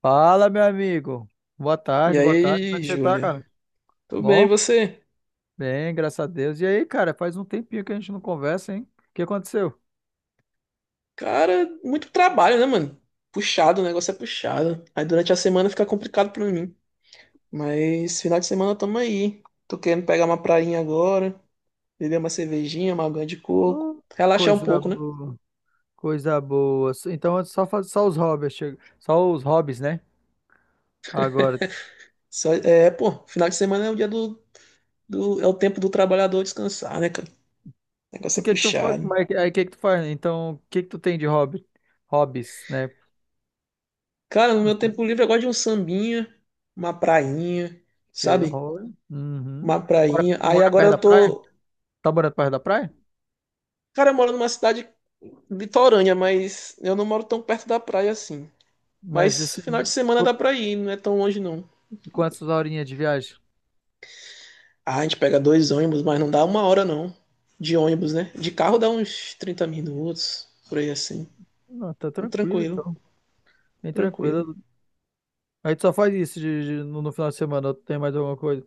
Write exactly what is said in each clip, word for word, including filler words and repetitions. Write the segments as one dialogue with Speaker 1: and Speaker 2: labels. Speaker 1: Fala, meu amigo. Boa
Speaker 2: E
Speaker 1: tarde, boa tarde. Como é
Speaker 2: aí,
Speaker 1: que você tá,
Speaker 2: Júlia?
Speaker 1: cara?
Speaker 2: Tudo bem, e
Speaker 1: Bom?
Speaker 2: você?
Speaker 1: Bem, graças a Deus. E aí, cara, faz um tempinho que a gente não conversa, hein? O que aconteceu?
Speaker 2: Cara, muito trabalho, né, mano? Puxado, o negócio é puxado. Aí durante a semana fica complicado pra mim. Mas final de semana tamo aí. Tô querendo pegar uma prainha agora, beber uma cervejinha, uma água de coco,
Speaker 1: Ô,
Speaker 2: relaxar um
Speaker 1: coisa
Speaker 2: pouco, né?
Speaker 1: boa, coisa boa. Então, só faz só os hobbies, chega- só os hobbies, né? Agora,
Speaker 2: Só- é, pô, final de semana é o dia do, do- é o tempo do trabalhador descansar, né, cara? O
Speaker 1: se
Speaker 2: negócio é
Speaker 1: que que tu faz,
Speaker 2: puxado.
Speaker 1: mas aí que que tu faz? Então, o que que tu tem de hobby? Hobbies, né?
Speaker 2: Cara, no meu tempo livre eu gosto de um sambinha, uma prainha,
Speaker 1: Porque
Speaker 2: sabe?
Speaker 1: hobby. Uhum.
Speaker 2: Uma
Speaker 1: Tu mora,
Speaker 2: prainha.
Speaker 1: tu
Speaker 2: Aí
Speaker 1: mora
Speaker 2: agora
Speaker 1: perto da
Speaker 2: eu
Speaker 1: praia?
Speaker 2: tô.
Speaker 1: Tá morando perto da praia?
Speaker 2: Cara, eu moro numa cidade litorânea, mas eu não moro tão perto da praia assim.
Speaker 1: Mas
Speaker 2: Mas final de
Speaker 1: assim,
Speaker 2: semana dá pra ir, não é tão longe não.
Speaker 1: quantas horinhas de viagem?
Speaker 2: Ah, a gente pega dois ônibus, mas não dá uma hora não. De ônibus, né? De carro dá uns trinta minutos, por aí assim.
Speaker 1: Não, tá tranquilo,
Speaker 2: Tranquilo,
Speaker 1: então. Bem
Speaker 2: tranquilo.
Speaker 1: tranquilo. Aí tu só faz isso de- de- no, no final de semana, ou tu tem mais alguma coisa?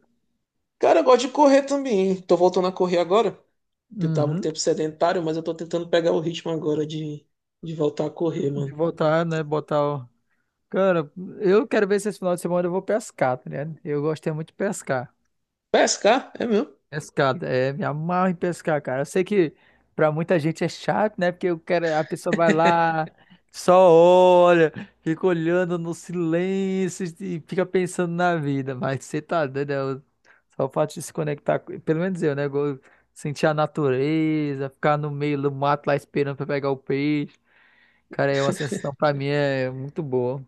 Speaker 2: Cara, eu gosto de correr também. Tô voltando a correr agora, que eu tava um
Speaker 1: Uhum.
Speaker 2: tempo sedentário, mas eu tô tentando pegar o ritmo agora de, de voltar a correr,
Speaker 1: De
Speaker 2: mano.
Speaker 1: voltar, né? Botar o. Cara, eu quero ver se esse final de semana eu vou pescar, tá ligado? Eu gosto é muito de pescar.
Speaker 2: Pescar? É mesmo.
Speaker 1: Pescado, é, me amarro em pescar, cara. Eu sei que pra muita gente é chato, né? Porque o cara, a pessoa vai lá, só olha, fica olhando no silêncio e fica pensando na vida. Mas você tá doido, é o- só o fato de se conectar, com- pelo menos eu, né? go- Sentir a natureza, ficar no meio do mato lá esperando pra pegar o peixe. Cara, é uma sensação pra mim é muito boa.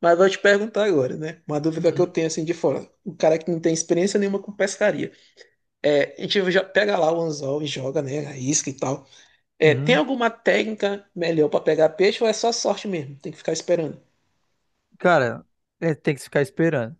Speaker 2: Mas vou te perguntar agora, né? Uma dúvida que eu
Speaker 1: Uhum.
Speaker 2: tenho assim de fora. O cara que não tem experiência nenhuma com pescaria. É, a gente já pega lá o anzol e joga, né? A isca e tal. É, tem
Speaker 1: Uhum.
Speaker 2: alguma técnica melhor para pegar peixe ou é só sorte mesmo? Tem que ficar esperando.
Speaker 1: Cara, é, tem que ficar esperando.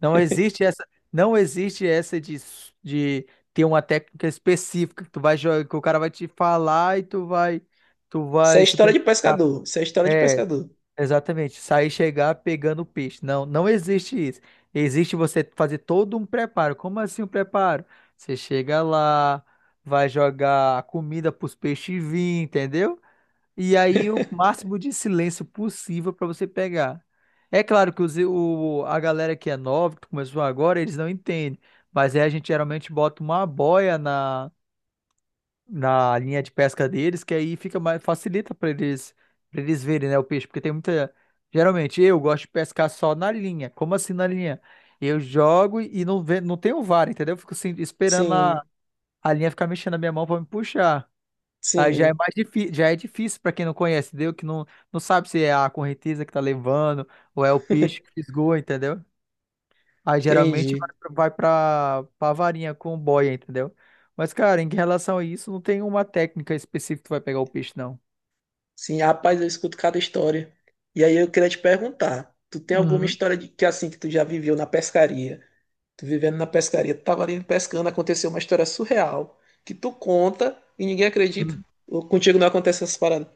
Speaker 1: Não existe essa, não existe essa de, s- de ter uma técnica específica que tu vai jogar, que o cara vai te falar e tu vai, tu
Speaker 2: Isso é
Speaker 1: vai
Speaker 2: história de
Speaker 1: simplesmente.
Speaker 2: pescador. Isso é história de
Speaker 1: É,
Speaker 2: pescador.
Speaker 1: exatamente. Sair e chegar pegando o peixe. Não, não existe isso. Existe você fazer todo um preparo. Como assim um preparo? Você chega lá, vai jogar a comida para os peixes vir, entendeu? E aí o máximo de silêncio possível para você pegar. É claro que os, o, a galera que é nova, que começou agora, eles não entendem. Mas aí a gente geralmente bota uma boia na, na linha de pesca deles, que aí fica mais, facilita para eles, para eles verem, né, o peixe, porque tem muita. Geralmente eu gosto de pescar só na linha. Como assim na linha? Eu jogo e não, ve, não tenho vara, entendeu? Eu fico assim, esperando a,
Speaker 2: Sim,
Speaker 1: a linha ficar mexendo na minha mão para me puxar. Aí já é
Speaker 2: sim,
Speaker 1: mais difícil, já é difícil para quem não conhece, entendeu? Que não, não sabe se é a correnteza que tá levando ou é o peixe que fisgou, entendeu? Aí geralmente vai
Speaker 2: entendi.
Speaker 1: pra, vai pra, pra varinha com boia, entendeu? Mas, cara, em relação a isso, não tem uma técnica específica que vai pegar o peixe, não.
Speaker 2: Sim, rapaz, eu escuto cada história. E aí eu queria te perguntar, tu tem alguma
Speaker 1: Uhum,
Speaker 2: história de que assim que tu já viveu na pescaria? Tu vivendo na pescaria, tu tava ali pescando, aconteceu uma história surreal que tu conta e ninguém acredita.
Speaker 1: uhum.
Speaker 2: Ou contigo não acontece essas paradas.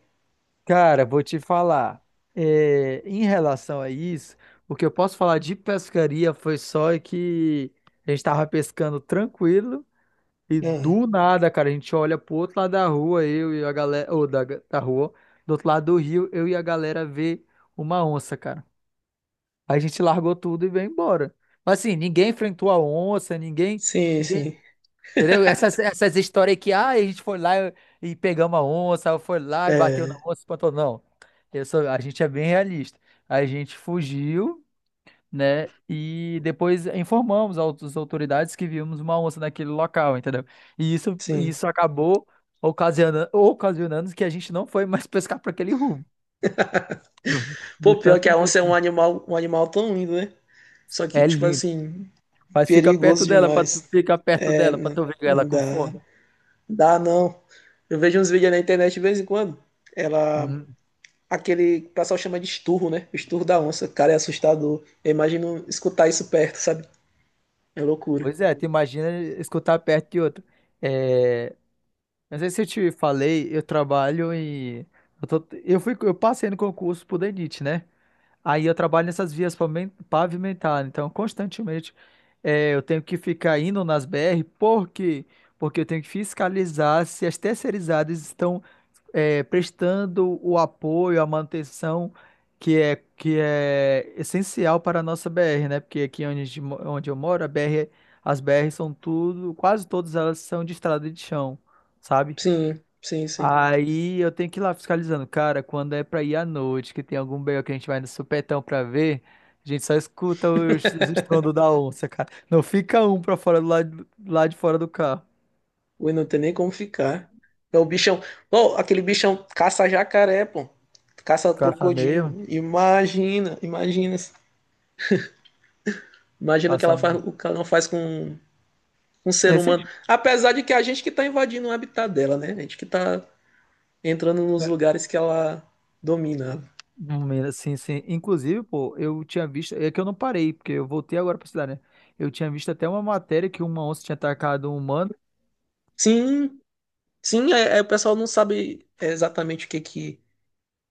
Speaker 1: Cara, vou te falar. É, em relação a isso, o que eu posso falar de pescaria foi só que a gente tava pescando tranquilo. E
Speaker 2: Ah,
Speaker 1: do nada, cara, a gente olha pro outro lado da rua, eu e a galera, ou da, da rua, do outro lado do rio, eu e a galera vê uma onça, cara. Aí a gente largou tudo e veio embora. Mas assim, ninguém enfrentou a onça, ninguém,
Speaker 2: sim,
Speaker 1: ninguém,
Speaker 2: sim.
Speaker 1: entendeu? Essas, essas histórias que, ah, a gente foi lá e, e pegamos a onça, ou foi lá e bateu na
Speaker 2: É,
Speaker 1: onça, espantou. Não, eu sou- a gente é bem realista. A gente fugiu, né? E depois informamos ao- as autoridades que vimos uma onça naquele local, entendeu? E isso,
Speaker 2: sim.
Speaker 1: isso acabou ocasionando, ocasionando que a gente não foi mais pescar para aquele rumo. De
Speaker 2: Pô, pior que
Speaker 1: tanto
Speaker 2: a onça é um
Speaker 1: medo.
Speaker 2: animal, um animal tão lindo, né? Só que,
Speaker 1: É
Speaker 2: tipo
Speaker 1: lindo.
Speaker 2: assim,
Speaker 1: Mas fica perto
Speaker 2: perigoso
Speaker 1: dela para tu
Speaker 2: demais.
Speaker 1: fica perto
Speaker 2: É,
Speaker 1: dela para
Speaker 2: não,
Speaker 1: tu ver ela
Speaker 2: não
Speaker 1: com
Speaker 2: dá.
Speaker 1: fome.
Speaker 2: Dá não. Eu vejo uns vídeos na internet de vez em quando. Ela.
Speaker 1: Hum.
Speaker 2: Aquele que o pessoal chama de esturro, né? O esturro da onça. Cara, é assustador. Eu imagino escutar isso perto, sabe? É loucura.
Speaker 1: Pois é, tu imagina escutar perto de outro. É, não sei se eu te falei, eu trabalho e eu, tô- eu fui, eu passei no concurso pro DENIT, né? Aí eu trabalho nessas vias pavimen- pavimentadas, então constantemente eh, eu tenho que ficar indo nas B R, por quê? Porque eu tenho que fiscalizar se as terceirizadas estão eh, prestando o apoio, a manutenção que é, que é essencial para a nossa B R, né? Porque aqui onde, a gente mo- onde eu moro, a B R, as B R são tudo, quase todas elas são de estrada de chão, sabe?
Speaker 2: Sim, sim, sim.
Speaker 1: Aí eu tenho que ir lá fiscalizando. Cara, quando é pra ir à noite, que tem algum B O que a gente vai no supetão pra ver, a gente só escuta os, os estrondos da onça, cara. Não fica um pra fora do lado, lá de fora do carro.
Speaker 2: Ui, não tem nem como ficar. É o bichão. Pô, aquele bichão caça jacaré, pô. Caça
Speaker 1: Caça mesmo,
Speaker 2: crocodilo. Imagina, imagina. Imagina o que
Speaker 1: caça
Speaker 2: ela faz,
Speaker 1: mesmo.
Speaker 2: o que ela não faz com um ser
Speaker 1: É, você-
Speaker 2: humano. Apesar de que a gente que tá invadindo o habitat dela, né? A gente que tá entrando nos lugares que ela domina.
Speaker 1: Menina, sim, sim. Inclusive, pô, eu tinha visto. É que eu não parei, porque eu voltei agora pra cidade, né? Eu tinha visto até uma matéria que uma onça tinha atacado um humano.
Speaker 2: Sim, sim, é, é, o pessoal não sabe exatamente o que que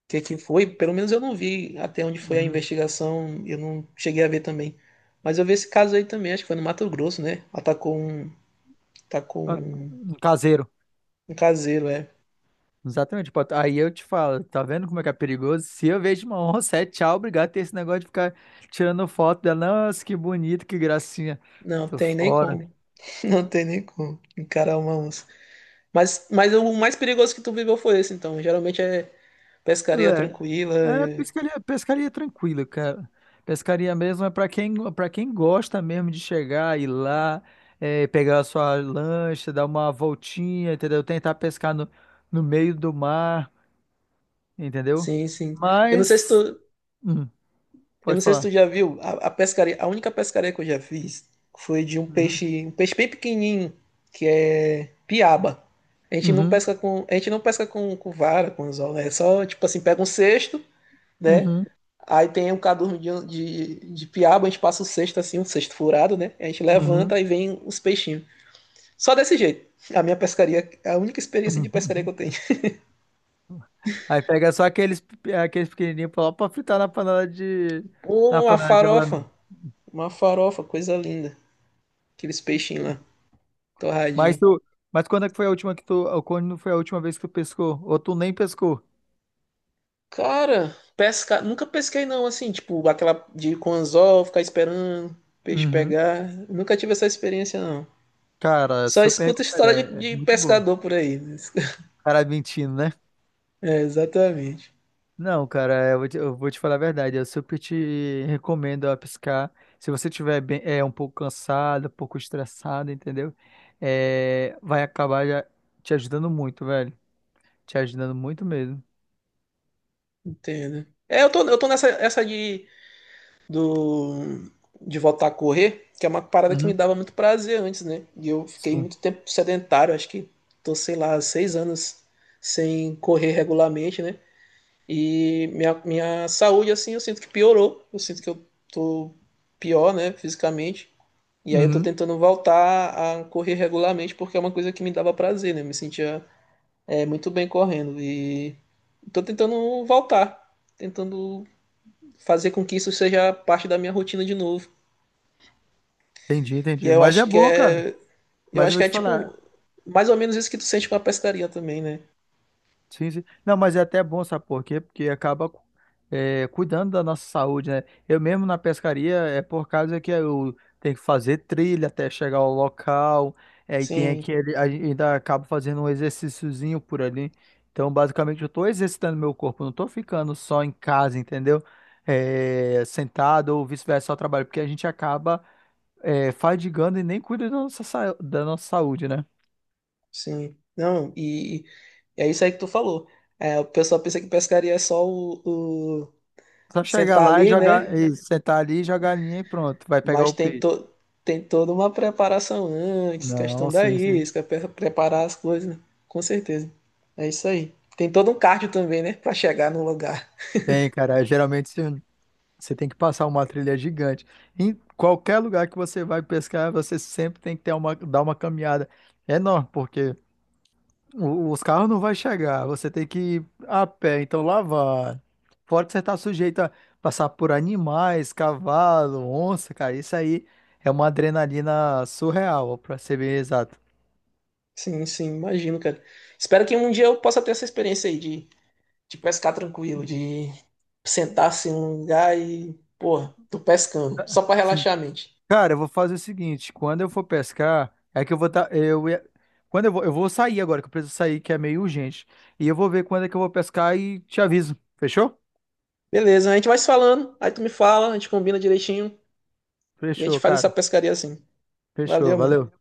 Speaker 2: que que foi, pelo menos eu não vi até onde foi a
Speaker 1: Uhum.
Speaker 2: investigação, eu não cheguei a ver também. Mas eu vi esse caso aí também, acho que foi no Mato Grosso, né? Atacou um, atacou
Speaker 1: Ah,
Speaker 2: um,
Speaker 1: um caseiro.
Speaker 2: um caseiro, é.
Speaker 1: Exatamente. Pô, aí eu te falo, tá vendo como é que é perigoso? Se eu vejo uma onça, é tchau, obrigado. Ter esse negócio de ficar tirando foto dela. Nossa, que bonito, que gracinha.
Speaker 2: Não
Speaker 1: Tô
Speaker 2: tem nem
Speaker 1: fora.
Speaker 2: como, não tem nem como encarar uma onça. Mas, mas o mais perigoso que tu viveu foi esse, então. Geralmente é pescaria tranquila,
Speaker 1: É, é
Speaker 2: é-
Speaker 1: pescaria, pescaria tranquila, cara. Pescaria mesmo é pra quem, para quem gosta mesmo de chegar, ir lá, é, pegar a sua lancha, dar uma voltinha, entendeu? Tentar pescar no, no meio do mar, entendeu?
Speaker 2: sim, sim. Eu não sei se
Speaker 1: Mas,
Speaker 2: tu,
Speaker 1: hum,
Speaker 2: Eu
Speaker 1: pode
Speaker 2: não sei se
Speaker 1: falar.
Speaker 2: tu já viu, a, a pescaria, a única pescaria que eu já fiz foi de um
Speaker 1: Uhum,
Speaker 2: peixe, um peixe bem pequenininho, que é piaba. A gente não
Speaker 1: uhum,
Speaker 2: pesca com, a gente não pesca com, com vara, com anzol, né? É só, tipo assim, pega um cesto, né?
Speaker 1: uhum,
Speaker 2: Aí tem um cadurno de, de, de piaba, a gente passa o cesto assim, um cesto furado, né? A gente
Speaker 1: uhum.
Speaker 2: levanta e vem os peixinhos. Só desse jeito. A minha pescaria, a única experiência de pescaria que eu tenho.
Speaker 1: Aí pega só aqueles, aqueles pequenininhos pra pra fritar na panela de, na
Speaker 2: Pô, uma
Speaker 1: panela de alamento.
Speaker 2: farofa, uma farofa, coisa linda. Aqueles peixinhos lá,
Speaker 1: Mas
Speaker 2: torradinho.
Speaker 1: tu, mas quando é que foi a última que tu, quando foi a última vez que tu pescou? Ou tu nem pescou?
Speaker 2: Cara, pesca... nunca pesquei não, assim, tipo, aquela de ir com anzol, ficar esperando peixe
Speaker 1: Uhum.
Speaker 2: pegar. Nunca tive essa experiência não.
Speaker 1: Cara,
Speaker 2: Só
Speaker 1: super
Speaker 2: escuto
Speaker 1: recomendado,
Speaker 2: história de,
Speaker 1: é é
Speaker 2: de
Speaker 1: muito bom.
Speaker 2: pescador por aí.
Speaker 1: Cara mentindo, né?
Speaker 2: É, exatamente.
Speaker 1: Não, cara, eu vou te, eu vou te falar a verdade, eu super te recomendo a pescar. Se você estiver bem, é, um pouco cansado, um pouco estressado, entendeu? É, vai acabar já te ajudando muito, velho. Te ajudando muito mesmo.
Speaker 2: Entendo. É, eu tô, eu tô nessa essa de, do, de voltar a correr, que é uma parada que me
Speaker 1: Uhum.
Speaker 2: dava muito prazer antes, né? E eu fiquei
Speaker 1: Sim.
Speaker 2: muito tempo sedentário, acho que tô, sei lá, seis anos sem correr regularmente, né? E minha, minha saúde, assim, eu sinto que piorou. Eu sinto que eu tô pior, né, fisicamente. E aí eu tô
Speaker 1: Uhum,
Speaker 2: tentando voltar a correr regularmente porque é uma coisa que me dava prazer, né? Eu me sentia é, muito bem correndo. E tô tentando voltar, tentando fazer com que isso seja parte da minha rotina de novo.
Speaker 1: entendi,
Speaker 2: E
Speaker 1: entendi.
Speaker 2: eu
Speaker 1: Mas é
Speaker 2: acho que
Speaker 1: bom, cara.
Speaker 2: é. Eu
Speaker 1: Mas eu
Speaker 2: acho
Speaker 1: vou
Speaker 2: que é
Speaker 1: te falar.
Speaker 2: tipo mais ou menos isso que tu sente com a pescaria também, né?
Speaker 1: Sim, sim. Não, mas é até bom, sabe por quê? Porque acaba é, cuidando da nossa saúde, né? Eu mesmo na pescaria é por causa que eu tenho que fazer trilha até chegar ao local. É, e tem
Speaker 2: Sim,
Speaker 1: aquele. Aí ainda acabo fazendo um exercíciozinho por ali. Então, basicamente, eu tô exercitando meu corpo, não tô ficando só em casa, entendeu? É, sentado ou vice-versa, só trabalho, porque a gente acaba é, fadigando e nem cuida da nossa, sa- da nossa saúde, né?
Speaker 2: sim. Não, e E é isso aí que tu falou. É, o pessoal pensa que pescaria é só o, o
Speaker 1: Só chegar
Speaker 2: sentar
Speaker 1: lá e
Speaker 2: ali,
Speaker 1: jogar,
Speaker 2: né?
Speaker 1: e sentar ali, jogar a linha e pronto, vai pegar
Speaker 2: Mas
Speaker 1: o
Speaker 2: tem,
Speaker 1: peixe.
Speaker 2: to, tem toda uma preparação antes,
Speaker 1: Não,
Speaker 2: questão da
Speaker 1: sim, sim.
Speaker 2: isca, pre- preparar as coisas, né? Com certeza. É isso aí. Tem todo um cardio também, né? Pra chegar no lugar.
Speaker 1: Tem, cara. É, geralmente você você tem que passar uma trilha gigante. Em qualquer lugar que você vai pescar, você sempre tem que ter uma, dar uma caminhada enorme, porque o- os carros não vão chegar. Você tem que ir a pé, então lá vai. Fora que você está sujeito a passar por animais, cavalo, onça, cara. Isso aí é uma adrenalina surreal, para ser bem exato.
Speaker 2: Sim, sim, imagino, cara. Espero que um dia eu possa ter essa experiência aí de, de pescar tranquilo, de sentar assim num lugar e, porra, tô pescando, só pra relaxar a mente.
Speaker 1: Cara, eu vou fazer o seguinte, quando eu for pescar, é que eu vou tá, eu ia- quando eu vou, eu vou sair agora, que eu preciso sair, que é meio urgente. E eu vou ver quando é que eu vou pescar e te aviso. Fechou?
Speaker 2: Beleza, a gente vai se falando, aí tu me fala, a gente combina direitinho. E a
Speaker 1: Fechou,
Speaker 2: gente faz essa
Speaker 1: cara.
Speaker 2: pescaria assim.
Speaker 1: Fechou.
Speaker 2: Valeu, mano.
Speaker 1: Valeu.